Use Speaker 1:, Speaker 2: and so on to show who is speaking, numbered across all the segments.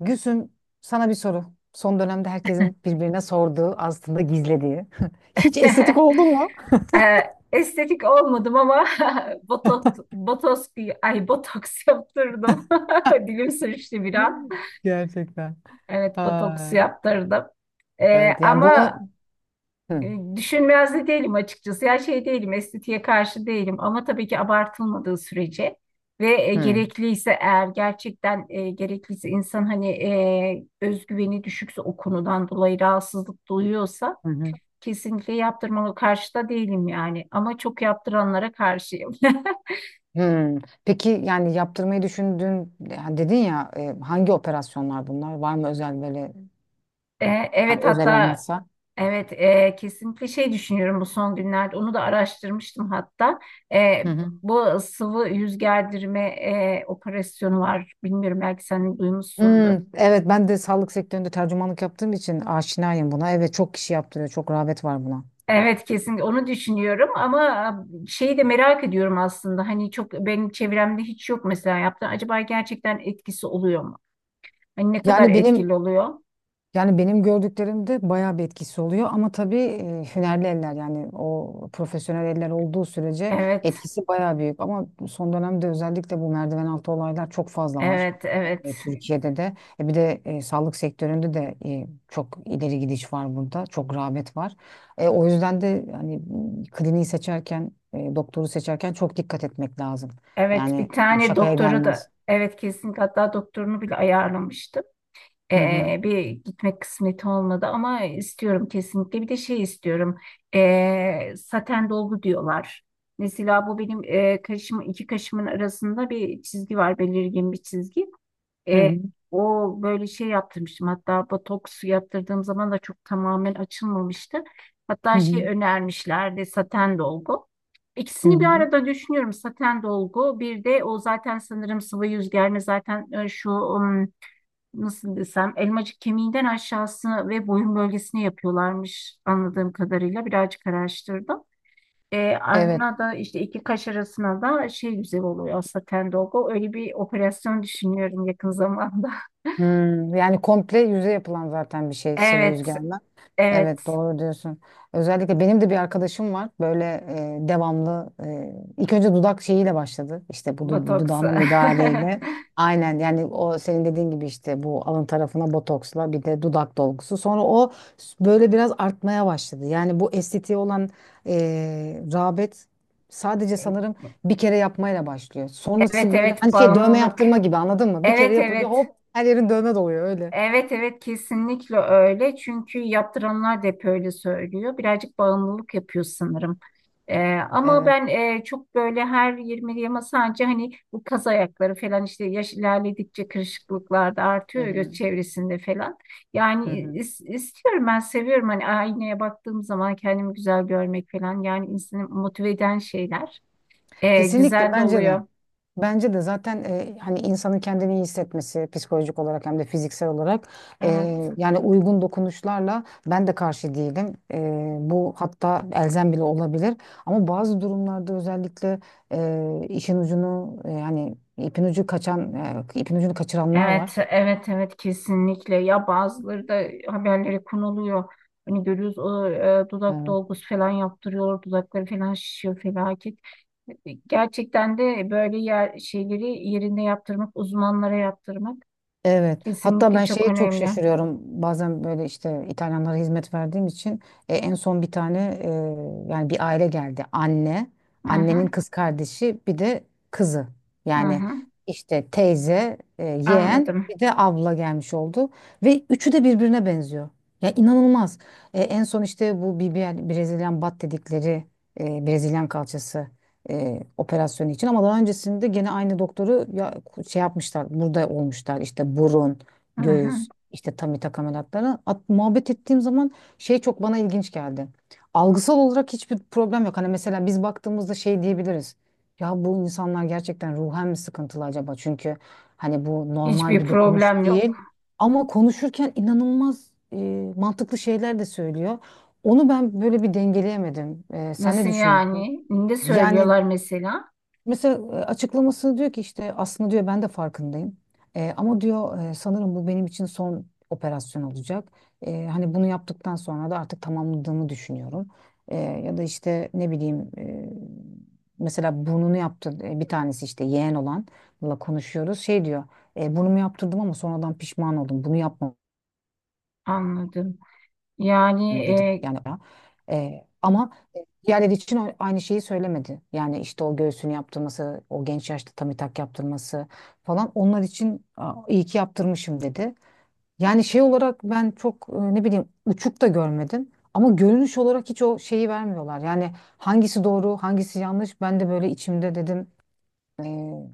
Speaker 1: Gülsüm sana bir soru. Son dönemde herkesin birbirine sorduğu, aslında gizlediği. Hiç estetik oldun mu?
Speaker 2: Ee, Estetik olmadım ama botot, botos, ay botoks yaptırdım. Dilim sürçtü bir an.
Speaker 1: Gerçekten.
Speaker 2: Evet, botoks
Speaker 1: Ha.
Speaker 2: yaptırdım. Ee,
Speaker 1: Evet, yani
Speaker 2: ama
Speaker 1: bunu Hı,
Speaker 2: Düşünmez de değilim açıkçası. Ya şey değilim, estetiğe karşı değilim ama tabii ki abartılmadığı sürece ve
Speaker 1: hı,
Speaker 2: gerekliyse, eğer gerçekten gerekliyse, insan hani özgüveni düşükse, o konudan dolayı rahatsızlık duyuyorsa
Speaker 1: hı, hı.
Speaker 2: kesinlikle yaptırmalı, karşıda değilim yani ama çok yaptıranlara karşıyım.
Speaker 1: Hı. Peki yani yaptırmayı düşündün yani dedin ya hangi operasyonlar bunlar? Var mı özel böyle
Speaker 2: E,
Speaker 1: hani
Speaker 2: evet,
Speaker 1: özel
Speaker 2: hatta
Speaker 1: olmazsa?
Speaker 2: evet, kesinlikle şey düşünüyorum, bu son günlerde onu da araştırmıştım hatta. E,
Speaker 1: Hı hı.
Speaker 2: Bu sıvı yüz gerdirme operasyonu var. Bilmiyorum, belki sen duymuşsundur.
Speaker 1: Hı, evet, ben de sağlık sektöründe tercümanlık yaptığım için aşinayım buna. Evet, çok kişi yaptırıyor. Çok rağbet var buna.
Speaker 2: Evet, kesinlikle onu düşünüyorum ama şeyi de merak ediyorum aslında. Hani çok benim çevremde hiç yok mesela yaptı. Acaba gerçekten etkisi oluyor mu? Hani ne kadar
Speaker 1: Yani benim
Speaker 2: etkili oluyor?
Speaker 1: Yani benim gördüklerimde bayağı bir etkisi oluyor, ama tabii hünerli eller, yani o profesyonel eller olduğu sürece
Speaker 2: Evet,
Speaker 1: etkisi bayağı büyük. Ama son dönemde özellikle bu merdiven altı olaylar çok fazla var.
Speaker 2: evet, evet.
Speaker 1: Türkiye'de de bir de sağlık sektöründe de çok ileri gidiş var burada. Çok rağbet var. O yüzden de hani kliniği seçerken, doktoru seçerken çok dikkat etmek lazım.
Speaker 2: Evet, bir
Speaker 1: Yani
Speaker 2: tane
Speaker 1: şakaya
Speaker 2: doktora da
Speaker 1: gelmez.
Speaker 2: evet kesinlikle, hatta doktorunu bile ayarlamıştım.
Speaker 1: Hı hı.
Speaker 2: Bir gitmek kısmeti olmadı ama istiyorum kesinlikle. Bir de şey istiyorum. Saten dolgu diyorlar. Mesela bu benim kaşım, iki kaşımın arasında bir çizgi var, belirgin bir çizgi.
Speaker 1: Hı
Speaker 2: E,
Speaker 1: hı.
Speaker 2: O böyle şey yaptırmıştım. Hatta botoks yaptırdığım zaman da çok tamamen açılmamıştı.
Speaker 1: Hı
Speaker 2: Hatta şey
Speaker 1: hı.
Speaker 2: önermişlerdi, saten dolgu.
Speaker 1: Hı
Speaker 2: İkisini bir
Speaker 1: hı.
Speaker 2: arada düşünüyorum. Saten dolgu, bir de o zaten sanırım sıvı yüz germe zaten, nasıl desem, elmacık kemiğinden aşağısı ve boyun bölgesine yapıyorlarmış, anladığım kadarıyla birazcık araştırdım.
Speaker 1: Evet.
Speaker 2: Arına da işte, iki kaş arasına da şey güzel oluyor saten dolgu. Öyle bir operasyon düşünüyorum yakın zamanda.
Speaker 1: Yani komple yüze yapılan zaten bir şey sıvı
Speaker 2: Evet,
Speaker 1: yüzgerme.
Speaker 2: evet.
Speaker 1: Evet, doğru diyorsun. Özellikle benim de bir arkadaşım var. Böyle devamlı ilk önce dudak şeyiyle başladı. İşte bu
Speaker 2: Botoks.
Speaker 1: dudağına müdahaleyle. Aynen, yani o senin dediğin gibi işte bu alın tarafına botoksla bir de dudak dolgusu. Sonra o böyle biraz artmaya başladı. Yani bu estetiğe olan rağbet sadece sanırım bir kere yapmayla başlıyor.
Speaker 2: Evet,
Speaker 1: Sonrası böyle
Speaker 2: evet.
Speaker 1: hani şey dövme
Speaker 2: Bağımlılık.
Speaker 1: yaptırma gibi, anladın mı? Bir kere
Speaker 2: Evet,
Speaker 1: yapınca
Speaker 2: evet.
Speaker 1: hop her yerin dövme doluyor öyle.
Speaker 2: Evet, evet, kesinlikle öyle. Çünkü yaptıranlar da hep öyle söylüyor. Birazcık bağımlılık yapıyor sanırım. Ee,
Speaker 1: Evet.
Speaker 2: çok böyle her 20 yıma, sadece hani bu kaz ayakları falan, işte yaş ilerledikçe kırışıklıklar da
Speaker 1: Hı
Speaker 2: artıyor ya, göz
Speaker 1: hı.
Speaker 2: çevresinde falan.
Speaker 1: Hı
Speaker 2: Yani
Speaker 1: hı.
Speaker 2: istiyorum, ben seviyorum hani aynaya baktığım zaman kendimi güzel görmek falan, yani insanı motive eden şeyler.
Speaker 1: Kesinlikle,
Speaker 2: Güzel de
Speaker 1: bence de.
Speaker 2: oluyor.
Speaker 1: Bence de zaten hani insanın kendini iyi hissetmesi psikolojik olarak hem de fiziksel olarak e,
Speaker 2: Evet,
Speaker 1: yani uygun dokunuşlarla ben de karşı değilim. Bu hatta elzem bile olabilir. Ama bazı durumlarda özellikle işin ucunu yani ipin ucu kaçan ipin ucunu kaçıranlar var.
Speaker 2: evet, evet, evet, kesinlikle. Ya bazıları da haberlere konuluyor. Hani görüyoruz, o dudak
Speaker 1: Evet.
Speaker 2: dolgusu falan yaptırıyor, dudakları falan şişiyor, felaket. Gerçekten de böyle şeyleri yerinde yaptırmak, uzmanlara yaptırmak
Speaker 1: Evet. Hatta
Speaker 2: kesinlikle
Speaker 1: ben
Speaker 2: çok
Speaker 1: şeye çok
Speaker 2: önemli.
Speaker 1: şaşırıyorum. Bazen böyle işte İtalyanlara hizmet verdiğim için en son bir tane yani bir aile geldi. Anne,
Speaker 2: Hı hı,
Speaker 1: annenin kız kardeşi, bir de kızı.
Speaker 2: hı
Speaker 1: Yani
Speaker 2: hı,
Speaker 1: işte teyze, yeğen,
Speaker 2: anladım.
Speaker 1: bir de abla gelmiş oldu ve üçü de birbirine benziyor. Ya inanılmaz. En son işte bu BBL Brezilyan bat dedikleri Brezilyan kalçası operasyonu için, ama daha öncesinde gene aynı doktoru ya, şey yapmışlar, burada olmuşlar işte burun,
Speaker 2: Hı hı.
Speaker 1: göğüs, işte tamitak ameliyatları. At, muhabbet ettiğim zaman şey çok bana ilginç geldi. Algısal olarak hiçbir problem yok. Hani mesela biz baktığımızda şey diyebiliriz. Ya bu insanlar gerçekten ruhen mi sıkıntılı acaba? Çünkü hani bu normal
Speaker 2: Hiçbir
Speaker 1: bir dokunuş
Speaker 2: problem yok.
Speaker 1: değil. Ama konuşurken inanılmaz mantıklı şeyler de söylüyor. Onu ben böyle bir dengeleyemedim. Sen ne
Speaker 2: Nasıl
Speaker 1: düşünüyorsun?
Speaker 2: yani? Ne
Speaker 1: Yani
Speaker 2: söylüyorlar mesela?
Speaker 1: mesela açıklaması diyor ki işte aslında diyor ben de farkındayım. Ama diyor sanırım bu benim için son operasyon olacak. Hani bunu yaptıktan sonra da artık tamamladığımı düşünüyorum. Ya da işte ne bileyim mesela burnunu yaptı bir tanesi, işte yeğen olanla konuşuyoruz. Şey diyor burnumu yaptırdım ama sonradan pişman oldum. Bunu
Speaker 2: Anladım. Yani
Speaker 1: yapmamalıydım
Speaker 2: e,
Speaker 1: yani. Ama diğerleri için aynı şeyi söylemedi. Yani işte o göğsünü yaptırması, o genç yaşta tummy tuck yaptırması falan, onlar için "Aa, iyi ki yaptırmışım" dedi. Yani şey olarak ben çok ne bileyim uçuk da görmedim. Ama görünüş olarak hiç o şeyi vermiyorlar. Yani hangisi doğru, hangisi yanlış ben de böyle içimde dedim e,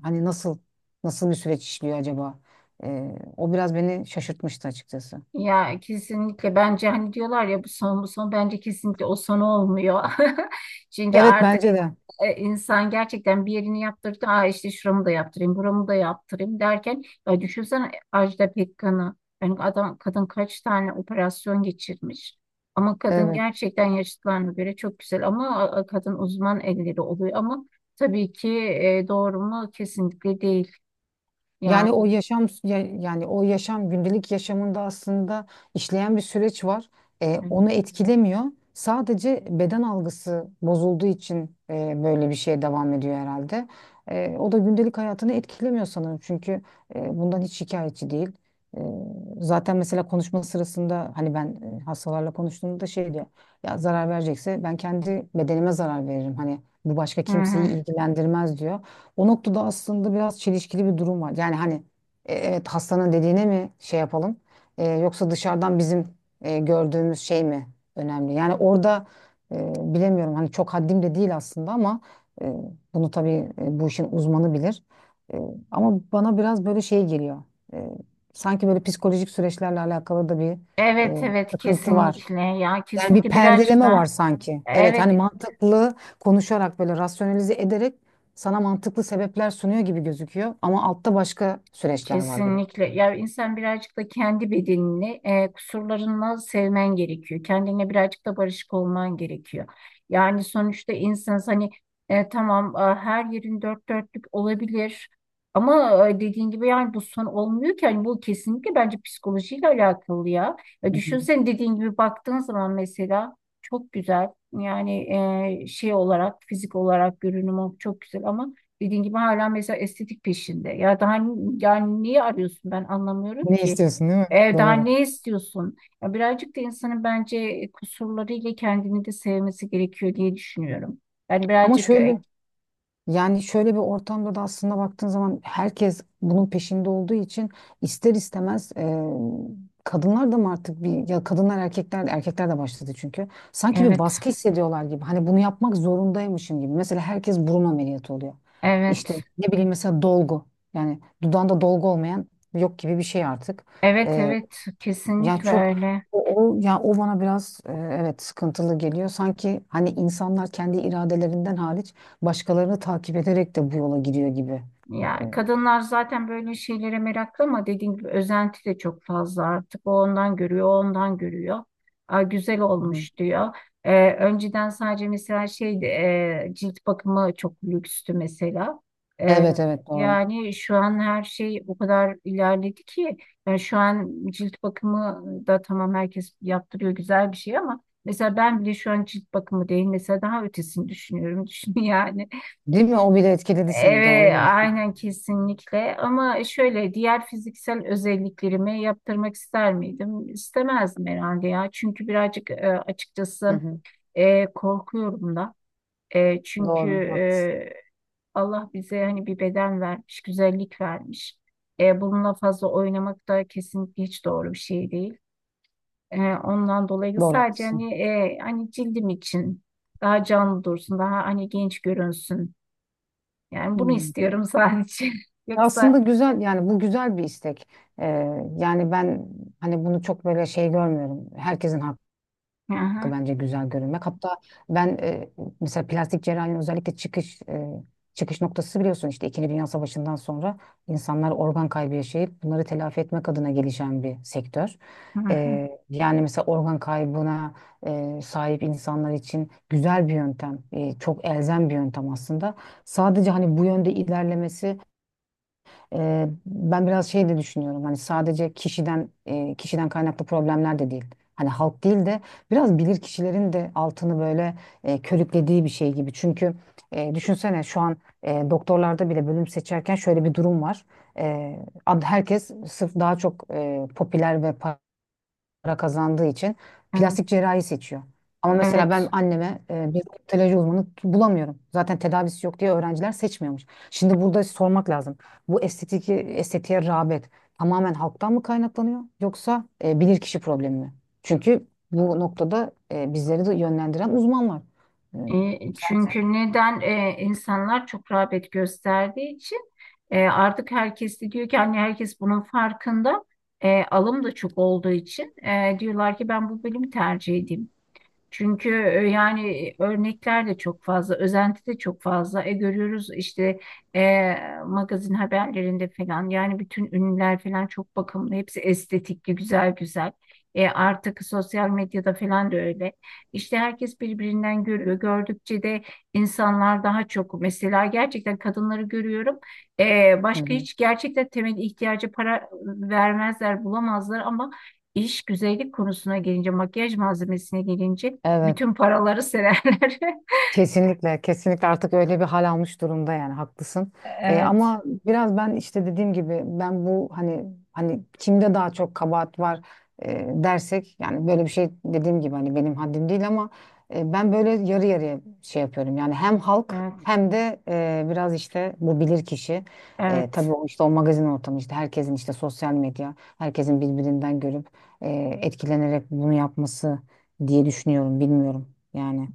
Speaker 1: hani nasıl bir süreç işliyor acaba? O biraz beni şaşırtmıştı açıkçası.
Speaker 2: Ya kesinlikle, bence hani diyorlar ya, bu son bu son, bence kesinlikle o son olmuyor. Çünkü
Speaker 1: Evet,
Speaker 2: artık
Speaker 1: bence de.
Speaker 2: insan gerçekten bir yerini yaptırdı, aa işte şuramı da yaptırayım, buramı da yaptırayım derken, ya düşünsene Ajda Pekkan'ı. Yani adam, kadın, kaç tane operasyon geçirmiş. Ama kadın
Speaker 1: Evet.
Speaker 2: gerçekten yaşıtlarına göre çok güzel ama kadın uzman elleri oluyor ama tabii ki doğru mu, kesinlikle değil
Speaker 1: Yani o
Speaker 2: yani.
Speaker 1: yaşam yani o yaşam gündelik yaşamında aslında işleyen bir süreç var.
Speaker 2: Evet.
Speaker 1: Onu etkilemiyor. Sadece beden algısı bozulduğu için böyle bir şey devam ediyor herhalde. O da gündelik hayatını etkilemiyor sanırım. Çünkü bundan hiç şikayetçi değil. E, Zaten mesela konuşma sırasında hani ben hastalarla konuştuğumda şey diyor. Ya zarar verecekse ben kendi bedenime zarar veririm. Hani bu başka
Speaker 2: Hı
Speaker 1: kimseyi
Speaker 2: hı.
Speaker 1: ilgilendirmez diyor. O noktada aslında biraz çelişkili bir durum var. Yani hani evet, hastanın dediğine mi şey yapalım yoksa dışarıdan bizim gördüğümüz şey mi önemli? Yani orada e, bilemiyorum, hani çok haddim de değil aslında, ama e, bunu tabii bu işin uzmanı bilir. E, Ama bana biraz böyle şey geliyor. E, Sanki böyle psikolojik süreçlerle alakalı da bir
Speaker 2: Evet,
Speaker 1: e,
Speaker 2: evet,
Speaker 1: sıkıntı var.
Speaker 2: kesinlikle ya,
Speaker 1: Yani bir
Speaker 2: kesinlikle birazcık
Speaker 1: perdeleme var
Speaker 2: da
Speaker 1: sanki. Evet,
Speaker 2: evet,
Speaker 1: hani mantıklı konuşarak, böyle rasyonalize ederek sana mantıklı sebepler sunuyor gibi gözüküyor, ama altta başka süreçler var gibi.
Speaker 2: kesinlikle. Ya insan birazcık da kendi bedenini, kusurlarınla sevmen gerekiyor. Kendine birazcık da barışık olman gerekiyor. Yani sonuçta insan hani, her yerin dört dörtlük olabilir. Ama dediğin gibi, yani bu son olmuyor ki. Hani bu kesinlikle bence psikolojiyle alakalı ya.
Speaker 1: Hı hı.
Speaker 2: Düşünsene, dediğin gibi baktığın zaman mesela çok güzel. Yani şey olarak, fizik olarak görünüm çok güzel ama dediğin gibi hala mesela estetik peşinde. Ya daha yani niye arıyorsun, ben anlamıyorum
Speaker 1: Ne
Speaker 2: ki.
Speaker 1: istiyorsun, değil mi?
Speaker 2: Daha
Speaker 1: Doğru.
Speaker 2: ne istiyorsun? Ya birazcık da insanın bence kusurlarıyla kendini de sevmesi gerekiyor diye düşünüyorum. Yani
Speaker 1: Ama
Speaker 2: birazcık e,
Speaker 1: şöyle yani şöyle bir ortamda da aslında baktığın zaman herkes bunun peşinde olduğu için ister istemez kadınlar da mı artık bir ya kadınlar erkekler de başladı, çünkü sanki bir
Speaker 2: evet,
Speaker 1: baskı hissediyorlar gibi, hani bunu yapmak zorundaymışım gibi, mesela herkes burun ameliyatı oluyor,
Speaker 2: evet,
Speaker 1: işte ne bileyim mesela dolgu, yani dudağında dolgu olmayan yok gibi bir şey artık,
Speaker 2: evet, evet,
Speaker 1: ya
Speaker 2: kesinlikle
Speaker 1: çok
Speaker 2: öyle.
Speaker 1: ya o bana biraz evet, sıkıntılı geliyor. Sanki hani insanlar kendi iradelerinden hariç başkalarını takip ederek de bu yola giriyor gibi.
Speaker 2: Ya
Speaker 1: E,
Speaker 2: kadınlar zaten böyle şeylere meraklı ama dediğim gibi özenti de çok fazla artık. O ondan görüyor, o ondan görüyor. Aa, güzel
Speaker 1: Hı hı.
Speaker 2: olmuş diyor. Önceden sadece mesela şeydi, cilt bakımı çok lükstü mesela. Ee,
Speaker 1: Evet, evet, doğru.
Speaker 2: Yani şu an her şey o kadar ilerledi ki, yani şu an cilt bakımı da tamam, herkes yaptırıyor, güzel bir şey ama mesela ben bile şu an cilt bakımı değil, mesela daha ötesini düşünüyorum. Düşün yani.
Speaker 1: Değil mi? O bile etkiledi seni. Doğru
Speaker 2: Evet,
Speaker 1: diyorsun.
Speaker 2: aynen, kesinlikle. Ama şöyle, diğer fiziksel özelliklerimi yaptırmak ister miydim? İstemezdim herhalde ya. Çünkü birazcık
Speaker 1: Hı
Speaker 2: açıkçası
Speaker 1: hı.
Speaker 2: korkuyorum da. E, çünkü
Speaker 1: Doğru, haklısın.
Speaker 2: e, Allah bize hani bir beden vermiş, güzellik vermiş. Bununla fazla oynamak da kesinlikle hiç doğru bir şey değil. Ondan dolayı
Speaker 1: Doğru,
Speaker 2: sadece
Speaker 1: haklısın.
Speaker 2: hani, hani cildim için daha canlı dursun, daha hani genç görünsün. Yani bunu
Speaker 1: Hmm.
Speaker 2: istiyorum sadece.
Speaker 1: Aslında
Speaker 2: Yoksa...
Speaker 1: güzel, yani bu güzel bir istek. E, Yani ben hani bunu çok böyle şey görmüyorum. Herkesin hakkı,
Speaker 2: Aha,
Speaker 1: bence güzel görünmek. Hatta ben mesela plastik cerrahinin özellikle çıkış çıkış noktası biliyorsun işte İkinci Dünya Savaşı'ndan sonra insanlar organ kaybı yaşayıp bunları telafi etmek adına gelişen bir sektör.
Speaker 2: aha,
Speaker 1: Yani mesela organ kaybına sahip insanlar için güzel bir yöntem, çok elzem bir yöntem aslında. Sadece hani bu yönde ilerlemesi ben biraz şey de düşünüyorum. Hani sadece kişiden kişiden kaynaklı problemler de değil. Hani halk değil de biraz bilir kişilerin de altını böyle körüklediği bir şey gibi. Çünkü düşünsene şu an doktorlarda bile bölüm seçerken şöyle bir durum var. Eee, Herkes sırf daha çok popüler ve para kazandığı için
Speaker 2: evet.
Speaker 1: plastik cerrahi seçiyor. Ama mesela
Speaker 2: Evet.
Speaker 1: ben anneme bir optoloji uzmanı bulamıyorum. Zaten tedavisi yok diye öğrenciler seçmiyormuş. Şimdi burada sormak lazım. Bu estetiğe rağbet tamamen halktan mı kaynaklanıyor, yoksa bilirkişi problemi mi? Çünkü bu noktada bizleri de yönlendiren uzman var. E, Sence?
Speaker 2: Çünkü neden? İnsanlar çok rağbet gösterdiği için artık herkes de diyor ki hani, herkes bunun farkında. Alım da çok olduğu için diyorlar ki ben bu bölümü tercih edeyim. Çünkü örnekler de çok fazla, özenti de çok fazla. Görüyoruz işte, e, magazin haberlerinde falan, yani bütün ünlüler falan çok bakımlı. Hepsi estetikli, güzel güzel. Artık sosyal medyada falan da öyle. İşte herkes birbirinden görüyor. Gördükçe de insanlar daha çok, mesela gerçekten kadınları görüyorum.
Speaker 1: Hı
Speaker 2: Başka
Speaker 1: hı.
Speaker 2: hiç gerçekten temel ihtiyacı para vermezler, bulamazlar ama iş güzellik konusuna gelince, makyaj malzemesine gelince
Speaker 1: Evet.
Speaker 2: bütün paraları sererler.
Speaker 1: Kesinlikle, kesinlikle artık öyle bir hal almış durumda, yani haklısın.
Speaker 2: Evet.
Speaker 1: Ama biraz ben işte dediğim gibi ben bu hani kimde daha çok kabahat var dersek, yani böyle bir şey dediğim gibi hani benim haddim değil, ama ben böyle yarı yarıya şey yapıyorum. Yani hem halk,
Speaker 2: Evet,
Speaker 1: hem de biraz işte bu bilir kişi.
Speaker 2: evet.
Speaker 1: Tabii o işte o magazin ortamı, işte herkesin işte sosyal medya, herkesin birbirinden görüp e, etkilenerek bunu yapması diye düşünüyorum, bilmiyorum yani.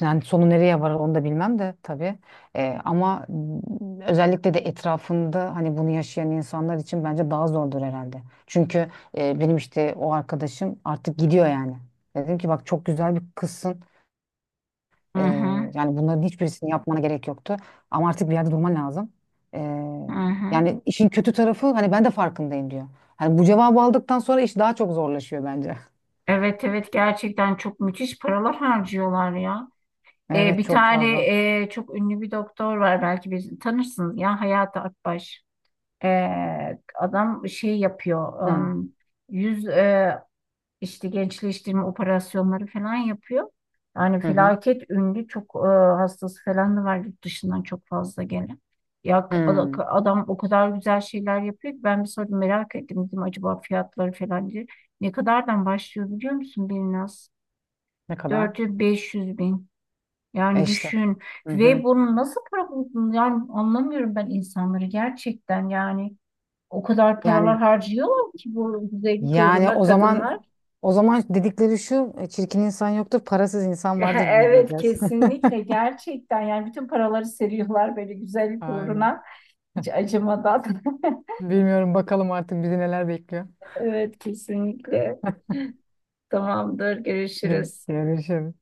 Speaker 1: Yani sonu nereye varır onu da bilmem de tabii. Ama özellikle de etrafında hani bunu yaşayan insanlar için bence daha zordur herhalde. Çünkü benim işte o arkadaşım artık gidiyor yani. Dedim ki bak, çok güzel bir kızsın.
Speaker 2: Hı
Speaker 1: Ee,
Speaker 2: hı,
Speaker 1: Yani bunların hiçbirisini yapmana gerek yoktu. Ama artık bir yerde durman lazım. Ee,
Speaker 2: hı hı.
Speaker 1: Yani işin kötü tarafı hani ben de farkındayım diyor. Hani bu cevabı aldıktan sonra iş daha çok zorlaşıyor bence.
Speaker 2: Evet, evet, gerçekten çok müthiş paralar harcıyorlar ya.
Speaker 1: Evet,
Speaker 2: Bir
Speaker 1: çok
Speaker 2: tane
Speaker 1: fazla.
Speaker 2: çok ünlü bir doktor var, belki bir tanırsınız ya, Hayati Akbaş. Adam şey yapıyor.
Speaker 1: Hı
Speaker 2: Yüz işte gençleştirme operasyonları falan yapıyor. Yani
Speaker 1: hı. Hı.
Speaker 2: felaket ünlü, çok hastası falan da var, yurt dışından çok fazla gelen. Ya
Speaker 1: Hı.
Speaker 2: adam o kadar güzel şeyler yapıyor ki, ben bir sordum, merak ettim, dedim acaba fiyatları falan diye. Ne kadardan başlıyor biliyor musun Birnaz?
Speaker 1: Ne kadar?
Speaker 2: Dört yüz, beş yüz bin.
Speaker 1: E
Speaker 2: Yani
Speaker 1: işte.
Speaker 2: düşün,
Speaker 1: Hı
Speaker 2: ve
Speaker 1: hı.
Speaker 2: bunu nasıl para buldun? Yani anlamıyorum ben insanları, gerçekten, yani o kadar paralar
Speaker 1: Yani
Speaker 2: harcıyorlar ki bu güzellik
Speaker 1: yani
Speaker 2: uğruna,
Speaker 1: o
Speaker 2: kadınlar.
Speaker 1: zaman o zaman dedikleri şu, çirkin insan yoktur, parasız insan vardır mı
Speaker 2: Evet
Speaker 1: diyeceğiz.
Speaker 2: kesinlikle, gerçekten yani bütün paraları seriyorlar böyle güzellik
Speaker 1: Aynen.
Speaker 2: uğruna, hiç acımadan.
Speaker 1: Bilmiyorum, bakalım artık bizi neler bekliyor.
Speaker 2: Evet kesinlikle, tamamdır,
Speaker 1: Gel,
Speaker 2: görüşürüz.
Speaker 1: görüşürüz.